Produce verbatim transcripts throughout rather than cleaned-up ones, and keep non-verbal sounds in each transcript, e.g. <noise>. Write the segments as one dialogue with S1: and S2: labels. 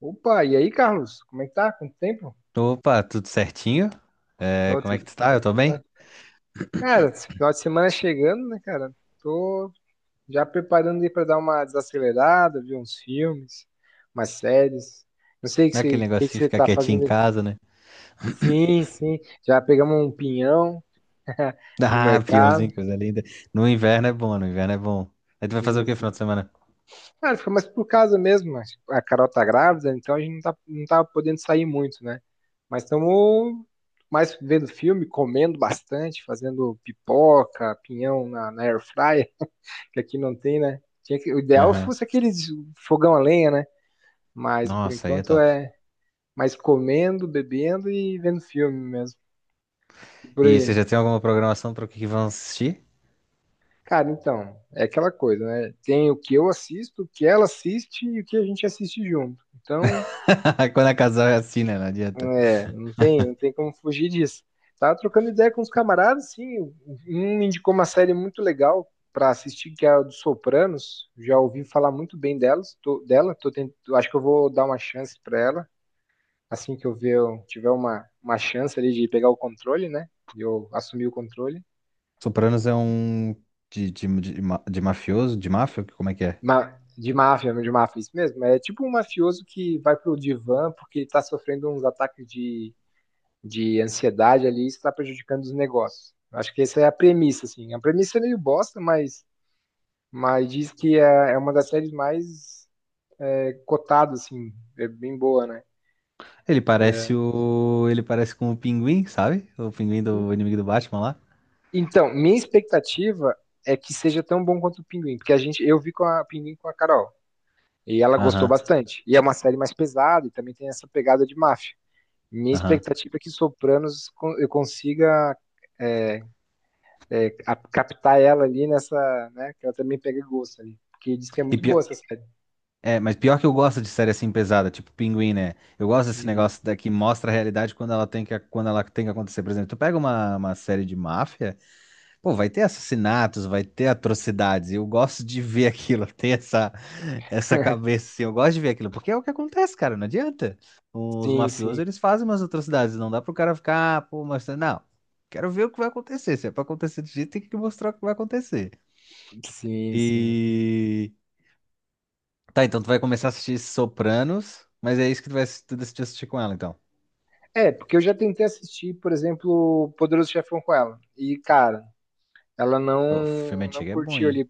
S1: Opa, e aí, Carlos? Como é que tá? Quanto tempo?
S2: Opa, tudo certinho? É,
S1: Ô,
S2: como é que
S1: tudo-
S2: tu tá? Eu
S1: tudo
S2: tô bem?
S1: certo. Cara, esse final de semana chegando, né, cara? Tô já preparando aí pra dar uma desacelerada, ver uns filmes, umas séries. Não sei o que
S2: Não é
S1: você,
S2: aquele
S1: o que que
S2: negocinho de
S1: você
S2: ficar
S1: tá
S2: quietinho em
S1: fazendo aí.
S2: casa, né?
S1: Sim, sim. Já pegamos um pinhão
S2: <laughs>
S1: no
S2: Ah,
S1: mercado.
S2: peãozinho, coisa linda. No inverno é bom, no inverno é bom. Aí tu vai fazer o
S1: Sim,
S2: que no final
S1: sim.
S2: de semana?
S1: Cara, fica mais por casa mesmo, mas a Carol tá grávida, então a gente não tá, não tá podendo sair muito, né? Mas estamos mais vendo filme, comendo bastante, fazendo pipoca, pinhão na, na air fryer, que aqui não tem, né? Tinha que, o ideal
S2: Aham.
S1: fosse aqueles fogão a lenha, né? Mas por
S2: Nossa, aí é
S1: enquanto
S2: top.
S1: é mais comendo, bebendo e vendo filme mesmo. E por
S2: E você
S1: aí.
S2: já tem alguma programação para o que que vão assistir?
S1: Cara, então, é aquela coisa, né? Tem o que eu assisto, o que ela assiste e o que a gente assiste junto. Então,
S2: <laughs> Quando é casal é assim, né? Não adianta.
S1: é, não tem, não tem como fugir disso. Tava trocando ideia com os camaradas, sim. Um me indicou uma série muito legal para assistir, que é a dos Sopranos. Já ouvi falar muito bem delas, tô- dela. Tô tent- acho que eu vou dar uma chance para ela. Assim que eu ver, eu tiver uma, uma chance ali de pegar o controle, né? De eu assumir o controle.
S2: Sopranos é um de, de, de, ma- de mafioso, de máfia? Como é que é?
S1: Ma- de máfia, de máfia, isso mesmo. É tipo um mafioso que vai pro divã porque tá sofrendo uns ataques de de ansiedade ali, isso está prejudicando os negócios. Acho que essa é a premissa, assim. A premissa é meio bosta, mas, mas diz que é, é uma das séries mais, é, cotadas, assim, é bem boa, né?
S2: Ele parece
S1: É,
S2: o. Ele parece com o Pinguim, sabe? O Pinguim do inimigo do Batman lá.
S1: então, minha expectativa é que seja tão bom quanto o Pinguim, porque a gente, eu vi com a Pinguim com a Carol e ela gostou
S2: Aham,
S1: bastante. E é uma série mais pesada e também tem essa pegada de máfia. Minha
S2: aham.
S1: expectativa é que Sopranos con- eu consiga, é, é, a- captar ela ali nessa, né? Que ela também pega gosto ali. Porque diz que é
S2: E
S1: muito
S2: pior.
S1: boa essa série.
S2: É, mas pior que eu gosto de série assim pesada, tipo Pinguim, né? Eu gosto desse
S1: Uhum.
S2: negócio da, que mostra a realidade quando ela tem que, quando ela tem que acontecer. Por exemplo, tu pega uma, uma série de máfia, pô, vai ter assassinatos, vai ter atrocidades. e Eu gosto de ver <laughs> aquilo, ter essa, essa
S1: <laughs>
S2: cabeça assim. Eu gosto de ver aquilo, porque é o que acontece, cara, não adianta. Os
S1: Sim,
S2: mafiosos,
S1: sim,
S2: eles fazem umas atrocidades, não dá pro cara ficar, ah, pô, mas não. Quero ver o que vai acontecer. Se é pra acontecer de jeito, tem que mostrar o que vai acontecer.
S1: sim, sim.
S2: E Tá, então tu vai começar a assistir Sopranos, mas é isso que tu vai assis- tu decidiu assistir com ela, então.
S1: É, porque eu já tentei assistir, por exemplo, Poderoso Chefão com ela. E, cara, ela
S2: O filme
S1: não, não
S2: antigo é bom,
S1: curtiu
S2: hein?
S1: ali.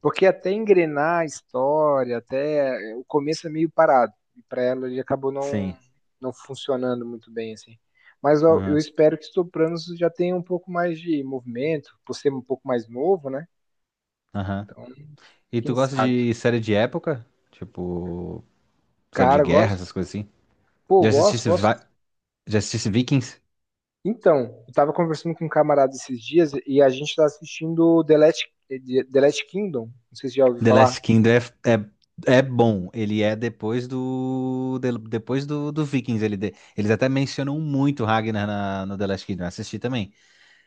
S1: Porque até engrenar a história, até o começo é meio parado. E pra ela ele acabou não,
S2: Sim.
S1: não funcionando muito bem, assim. Mas eu, eu
S2: Aham.
S1: espero que Sopranos já tenha um pouco mais de movimento, por ser um pouco mais novo, né?
S2: Aham.
S1: Então,
S2: E tu
S1: quem
S2: gosta
S1: sabe?
S2: de série de época? Tipo, série de
S1: Cara, eu
S2: guerra,
S1: gosto.
S2: essas coisas assim?
S1: Pô, eu
S2: Já
S1: gosto,
S2: assistisse,
S1: gosto.
S2: Va- Já assistisse Vikings?
S1: Então, eu tava conversando com um camarada esses dias e a gente tá assistindo The Last, The Last Kingdom. Não sei se já ouviu
S2: The
S1: falar.
S2: Last Kingdom é, é, é bom. Ele é depois do. De- Depois do, do Vikings. Ele, de- Eles até mencionam muito Ragnar na- no The Last Kingdom. Eu assisti também.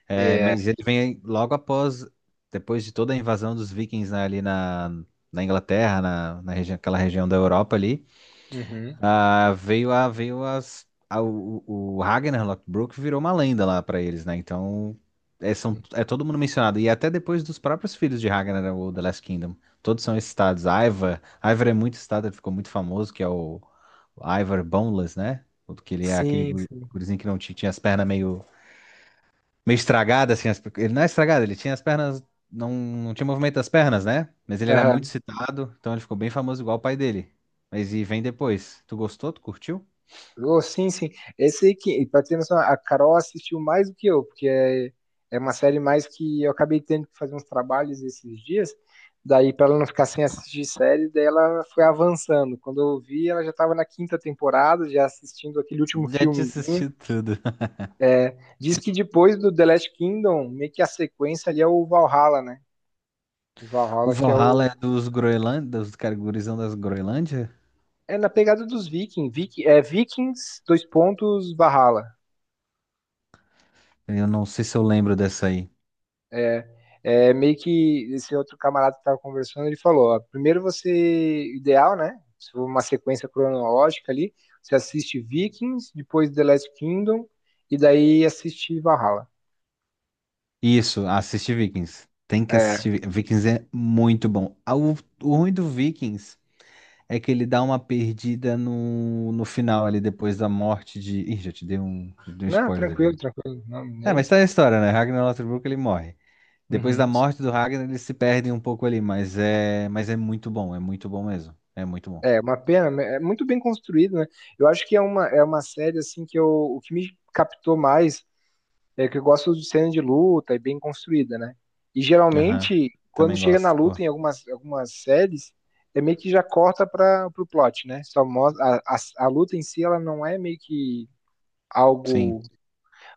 S2: É,
S1: É.
S2: mas ele vem logo após, depois de toda a invasão dos vikings, né, ali na, na Inglaterra, na, na região, aquela região da Europa ali,
S1: Uhum.
S2: ah, veio a, veio as, a- o, o Ragnar Lothbrok virou uma lenda lá pra eles, né? Então, é, são, é todo mundo mencionado. E até depois dos próprios filhos de Ragnar, né, o The Last Kingdom. Todos são esses estados. Ivar, Ivar é muito estado, ele ficou muito famoso, que é o, o Ivar Boneless, né? O Que ele é aquele
S1: Sim,
S2: guru-
S1: sim.
S2: gurizinho que não tinha tinha as pernas meio meio estragado, assim. as- Ele não é estragado, ele tinha as pernas. Não, não tinha movimento das pernas, né? Mas ele era muito citado, então ele ficou bem famoso igual o pai dele. Mas e vem depois. Tu gostou? Tu curtiu?
S1: Oh, sim, sim. Esse aí que, pra ter noção, a Carol assistiu mais do que eu, porque é, é uma série mais que eu acabei tendo que fazer uns trabalhos esses dias. Daí, pra ela não ficar sem assistir série, daí ela foi avançando. Quando eu vi, ela já estava na quinta temporada, já assistindo aquele último
S2: Já te
S1: filmezinho.
S2: assisti tudo. <laughs>
S1: Diz que depois do The Last Kingdom, meio que a sequência ali é o Valhalla, né? O
S2: O
S1: Valhalla que é
S2: Valhalla
S1: o.
S2: é dos Groenlândia, dos cara, gurizão das Groenlândia?
S1: É na pegada dos Vikings. Viking, é Vikings, dois pontos, Valhalla.
S2: Eu não sei se eu lembro dessa aí.
S1: É, é meio que esse outro camarada que tava conversando, ele falou, ó, primeiro você, ideal, né? Se for uma sequência cronológica ali, você assiste Vikings, depois The Last Kingdom, e daí assiste Valhalla.
S2: Isso, assisti Vikings. Tem que
S1: É,
S2: assistir. Vi- Vikings é muito bom. Ah, O, o ruim do Vikings é que ele dá uma perdida no, no final ali, depois da morte de. Ih, já te dei um, já te dei um
S1: não,
S2: spoiler
S1: tranquilo,
S2: aqui.
S1: tranquilo, não,
S2: É,
S1: nem...
S2: mas tá a história, né? Ragnar Lothbrok, ele morre. Depois da
S1: Uhum.
S2: morte do Ragnar, eles se perdem um pouco ali, mas é, mas é muito bom, é muito bom mesmo. É muito bom.
S1: É, uma pena, né, é muito bem construído, né? Eu acho que é uma, é uma série, assim, que eu, o que me captou mais, é que eu gosto de cena de luta e bem construída, né? E
S2: Aham.
S1: geralmente, quando
S2: Também
S1: chega na
S2: gosto, pô.
S1: luta em algumas, algumas séries, é meio que já corta para o plot, né? Só mostra, a, a, a luta em si, ela não é meio que
S2: Sim.
S1: algo,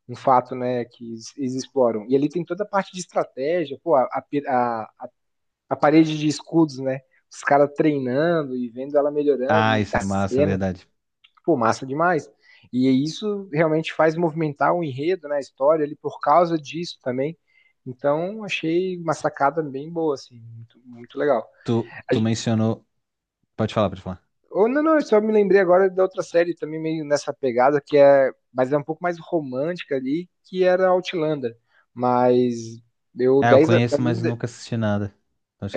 S1: um fato, né, que eles eles exploram. E ali tem toda a parte de estratégia, pô, a, a, a- a parede de escudos, né? Os caras treinando e vendo ela melhorando
S2: Ah,
S1: e
S2: isso
S1: a
S2: é massa, é
S1: cena,
S2: verdade.
S1: pô, massa demais. E isso realmente faz movimentar o enredo, né, a história ali por causa disso também. Então, achei uma sacada bem boa, assim, muito, muito legal.
S2: Tu,
S1: A
S2: tu
S1: gen-
S2: mencionou. Pode falar, pode falar.
S1: ou não, não, eu só me lembrei agora da outra série também meio nessa pegada, que é, mas é um pouco mais romântica ali, que era Outlander. Mas eu
S2: Ah, eu
S1: dez a- pra
S2: conheço,
S1: mim,
S2: mas nunca assisti nada.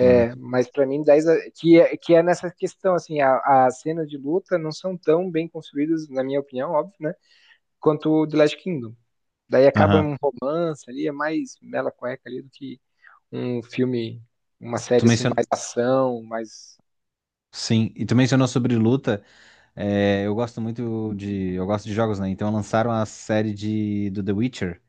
S1: é, mas para mim dez a- que é, que é nessa questão assim, a- as cenas de luta não são tão bem construídas, na minha opinião, óbvio, né? Quanto o The Last Kingdom. Daí acaba
S2: Aham.
S1: um romance ali, é mais mela cueca ali do que um filme, uma
S2: Tu
S1: série assim,
S2: mencionou.
S1: mais ação, mais.
S2: Sim, e tu mencionou sobre luta. É, eu gosto muito de. Eu gosto de jogos, né? Então lançaram a série de do The Witcher.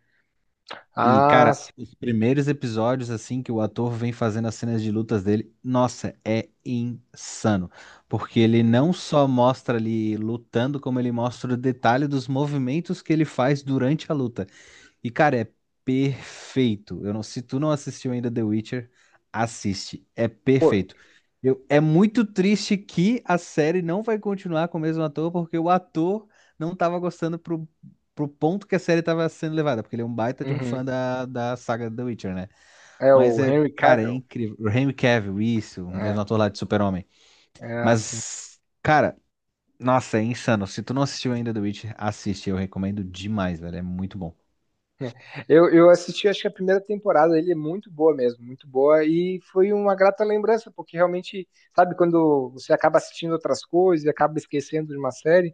S2: E,
S1: Ah,
S2: cara,
S1: sim.
S2: os primeiros episódios, assim, que o ator vem fazendo as cenas de lutas dele, nossa, é insano. Porque ele não só mostra ali lutando, como ele mostra o detalhe dos movimentos que ele faz durante a luta. E, cara, é perfeito. Eu não, se tu não assistiu ainda The Witcher, assiste. É perfeito. Eu- é muito triste que a série não vai continuar com o mesmo ator, porque o ator não tava gostando pro, pro ponto que a série tava sendo levada, porque ele é um baita de um
S1: Uhum.
S2: fã da, da saga The Witcher, né?
S1: É
S2: Mas
S1: o
S2: é,
S1: Henry
S2: cara, é
S1: Cavill.
S2: incrível. O Henry Cavill, isso, o mesmo
S1: É,
S2: ator lá de Super-Homem.
S1: é assim. <laughs>
S2: Mas, cara, nossa, é insano. Se tu não assistiu ainda The Witcher, assiste. Eu recomendo demais, velho. É muito bom.
S1: Eu, eu assisti, acho que a primeira temporada, ele é muito boa mesmo, muito boa, e foi uma grata lembrança, porque realmente, sabe, quando você acaba assistindo outras coisas, acaba esquecendo de uma série.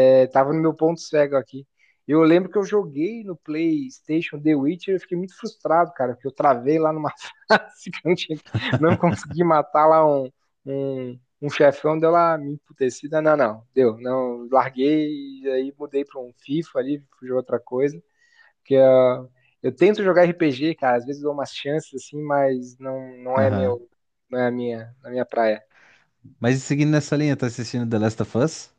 S1: É, tava no meu ponto cego aqui. Eu lembro que eu joguei no PlayStation The Witcher e eu fiquei muito frustrado, cara, porque eu travei lá numa <laughs> fase que eu não, tinha, não consegui matar lá um, um, um chefão, deu lá me emputecida. Não, não, deu. Não, larguei e aí mudei pra um FIFA ali, fui jogar outra coisa. Porque uh, eu tento jogar R P G, cara, às vezes dou umas chances assim, mas não, não é
S2: Aham.
S1: meu, não é a minha, a minha praia.
S2: Mas seguindo nessa linha, tá assistindo The Last of Us? O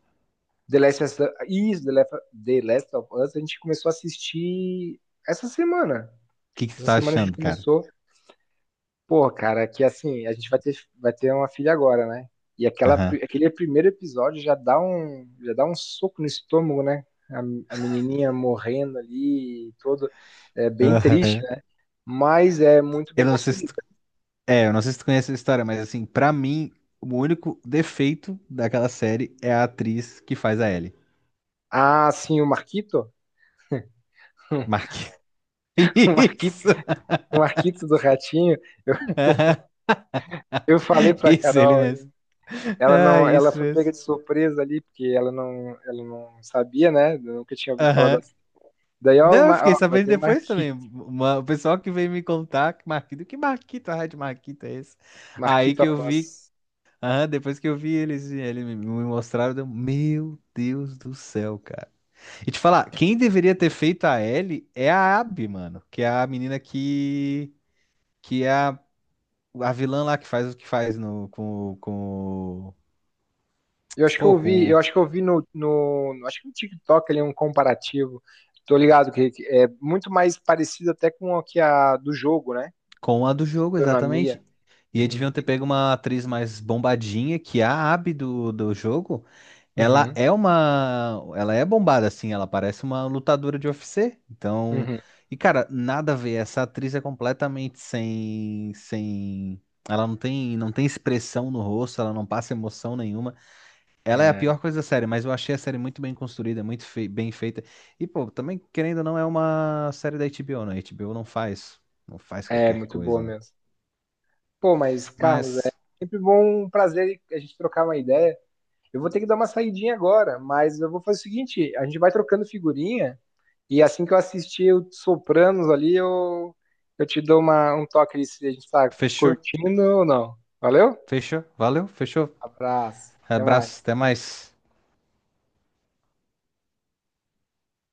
S1: The Last of Us, isso, The Last, The Last of Us, a gente começou a assistir essa semana.
S2: que que tu
S1: Essa
S2: tá
S1: semana a gente
S2: achando, cara?
S1: começou. Pô, cara, que assim, a gente vai ter, vai ter uma filha agora, né? E aquela,
S2: Aham.
S1: aquele primeiro episódio já dá um, já dá um soco no estômago, né? A, a menininha morrendo ali, todo. É bem triste,
S2: Aham.
S1: né? Mas é muito
S2: Eu
S1: bem
S2: não sei se
S1: construída.
S2: tu... É, eu não sei se tu conhece a história, mas assim, pra mim, o único defeito daquela série é a atriz que faz a Ellie.
S1: Ah, sim, o Marquito.
S2: Mark.
S1: <laughs> O
S2: <laughs>
S1: Marquito,
S2: Isso!
S1: o Marquito do Ratinho. Eu,
S2: Aham.
S1: eu falei pra
S2: Isso, ele
S1: Carol.
S2: mesmo.
S1: Ela
S2: Ah,
S1: não, ela
S2: isso
S1: foi
S2: mesmo.
S1: pega de surpresa ali, porque ela não, ela não sabia, né? Nunca tinha ouvido falar da.
S2: Aham.
S1: Daí, ó, o
S2: Não, eu
S1: Ma-
S2: fiquei
S1: ó, vai
S2: sabendo
S1: ter o
S2: depois também.
S1: Marquito,
S2: Uma- o pessoal que veio me contar, que Marquito, que Marquito, a Red Marquito é esse?
S1: <laughs>
S2: Aí
S1: Marquito
S2: que eu vi.
S1: Afonso.
S2: Ah, depois que eu vi eles, eles me me mostraram, deu- meu Deus do céu, cara. E te falar, quem deveria ter feito a Ellie é a Abby, mano, que é a menina que que é a, a vilã lá que faz o que faz no com o- com o-
S1: Eu acho que
S2: pô,
S1: eu vi,
S2: com o-
S1: eu acho que eu vi no, no, no- acho que no TikTok ali um comparativo. Tô ligado que que é muito mais parecido até com o que a do jogo, né?
S2: com a do jogo,
S1: Economia.
S2: exatamente. E eles
S1: Uhum,
S2: deviam ter pego uma atriz mais bombadinha que é a Abby do, do jogo. Ela
S1: uhum,
S2: é uma. Ela é bombada, assim. Ela parece uma lutadora de U F C. Então.
S1: uhum.
S2: E, cara, nada a ver. Essa atriz é completamente sem. Sem. Ela não tem, não tem expressão no rosto, ela não passa emoção nenhuma. Ela é a
S1: É,
S2: pior coisa da série, mas eu achei a série muito bem construída, muito fei- bem feita. E, pô, também, querendo ou não, é uma série da H B O, né? A H B O não faz, não faz
S1: é
S2: qualquer
S1: muito boa
S2: coisa, né?
S1: mesmo. Pô, mas Carlos, é
S2: Mas,
S1: sempre bom, um prazer a gente trocar uma ideia. Eu vou ter que dar uma saidinha agora, mas eu vou fazer o seguinte: a gente vai trocando figurinha e assim que eu assistir o Sopranos ali, eu, eu te dou uma, um toque ali se a gente tá
S2: fechou?
S1: curtindo ou não. Valeu?
S2: Fechou? Valeu? Fechou?
S1: Abraço, até mais.
S2: Abraço, até mais.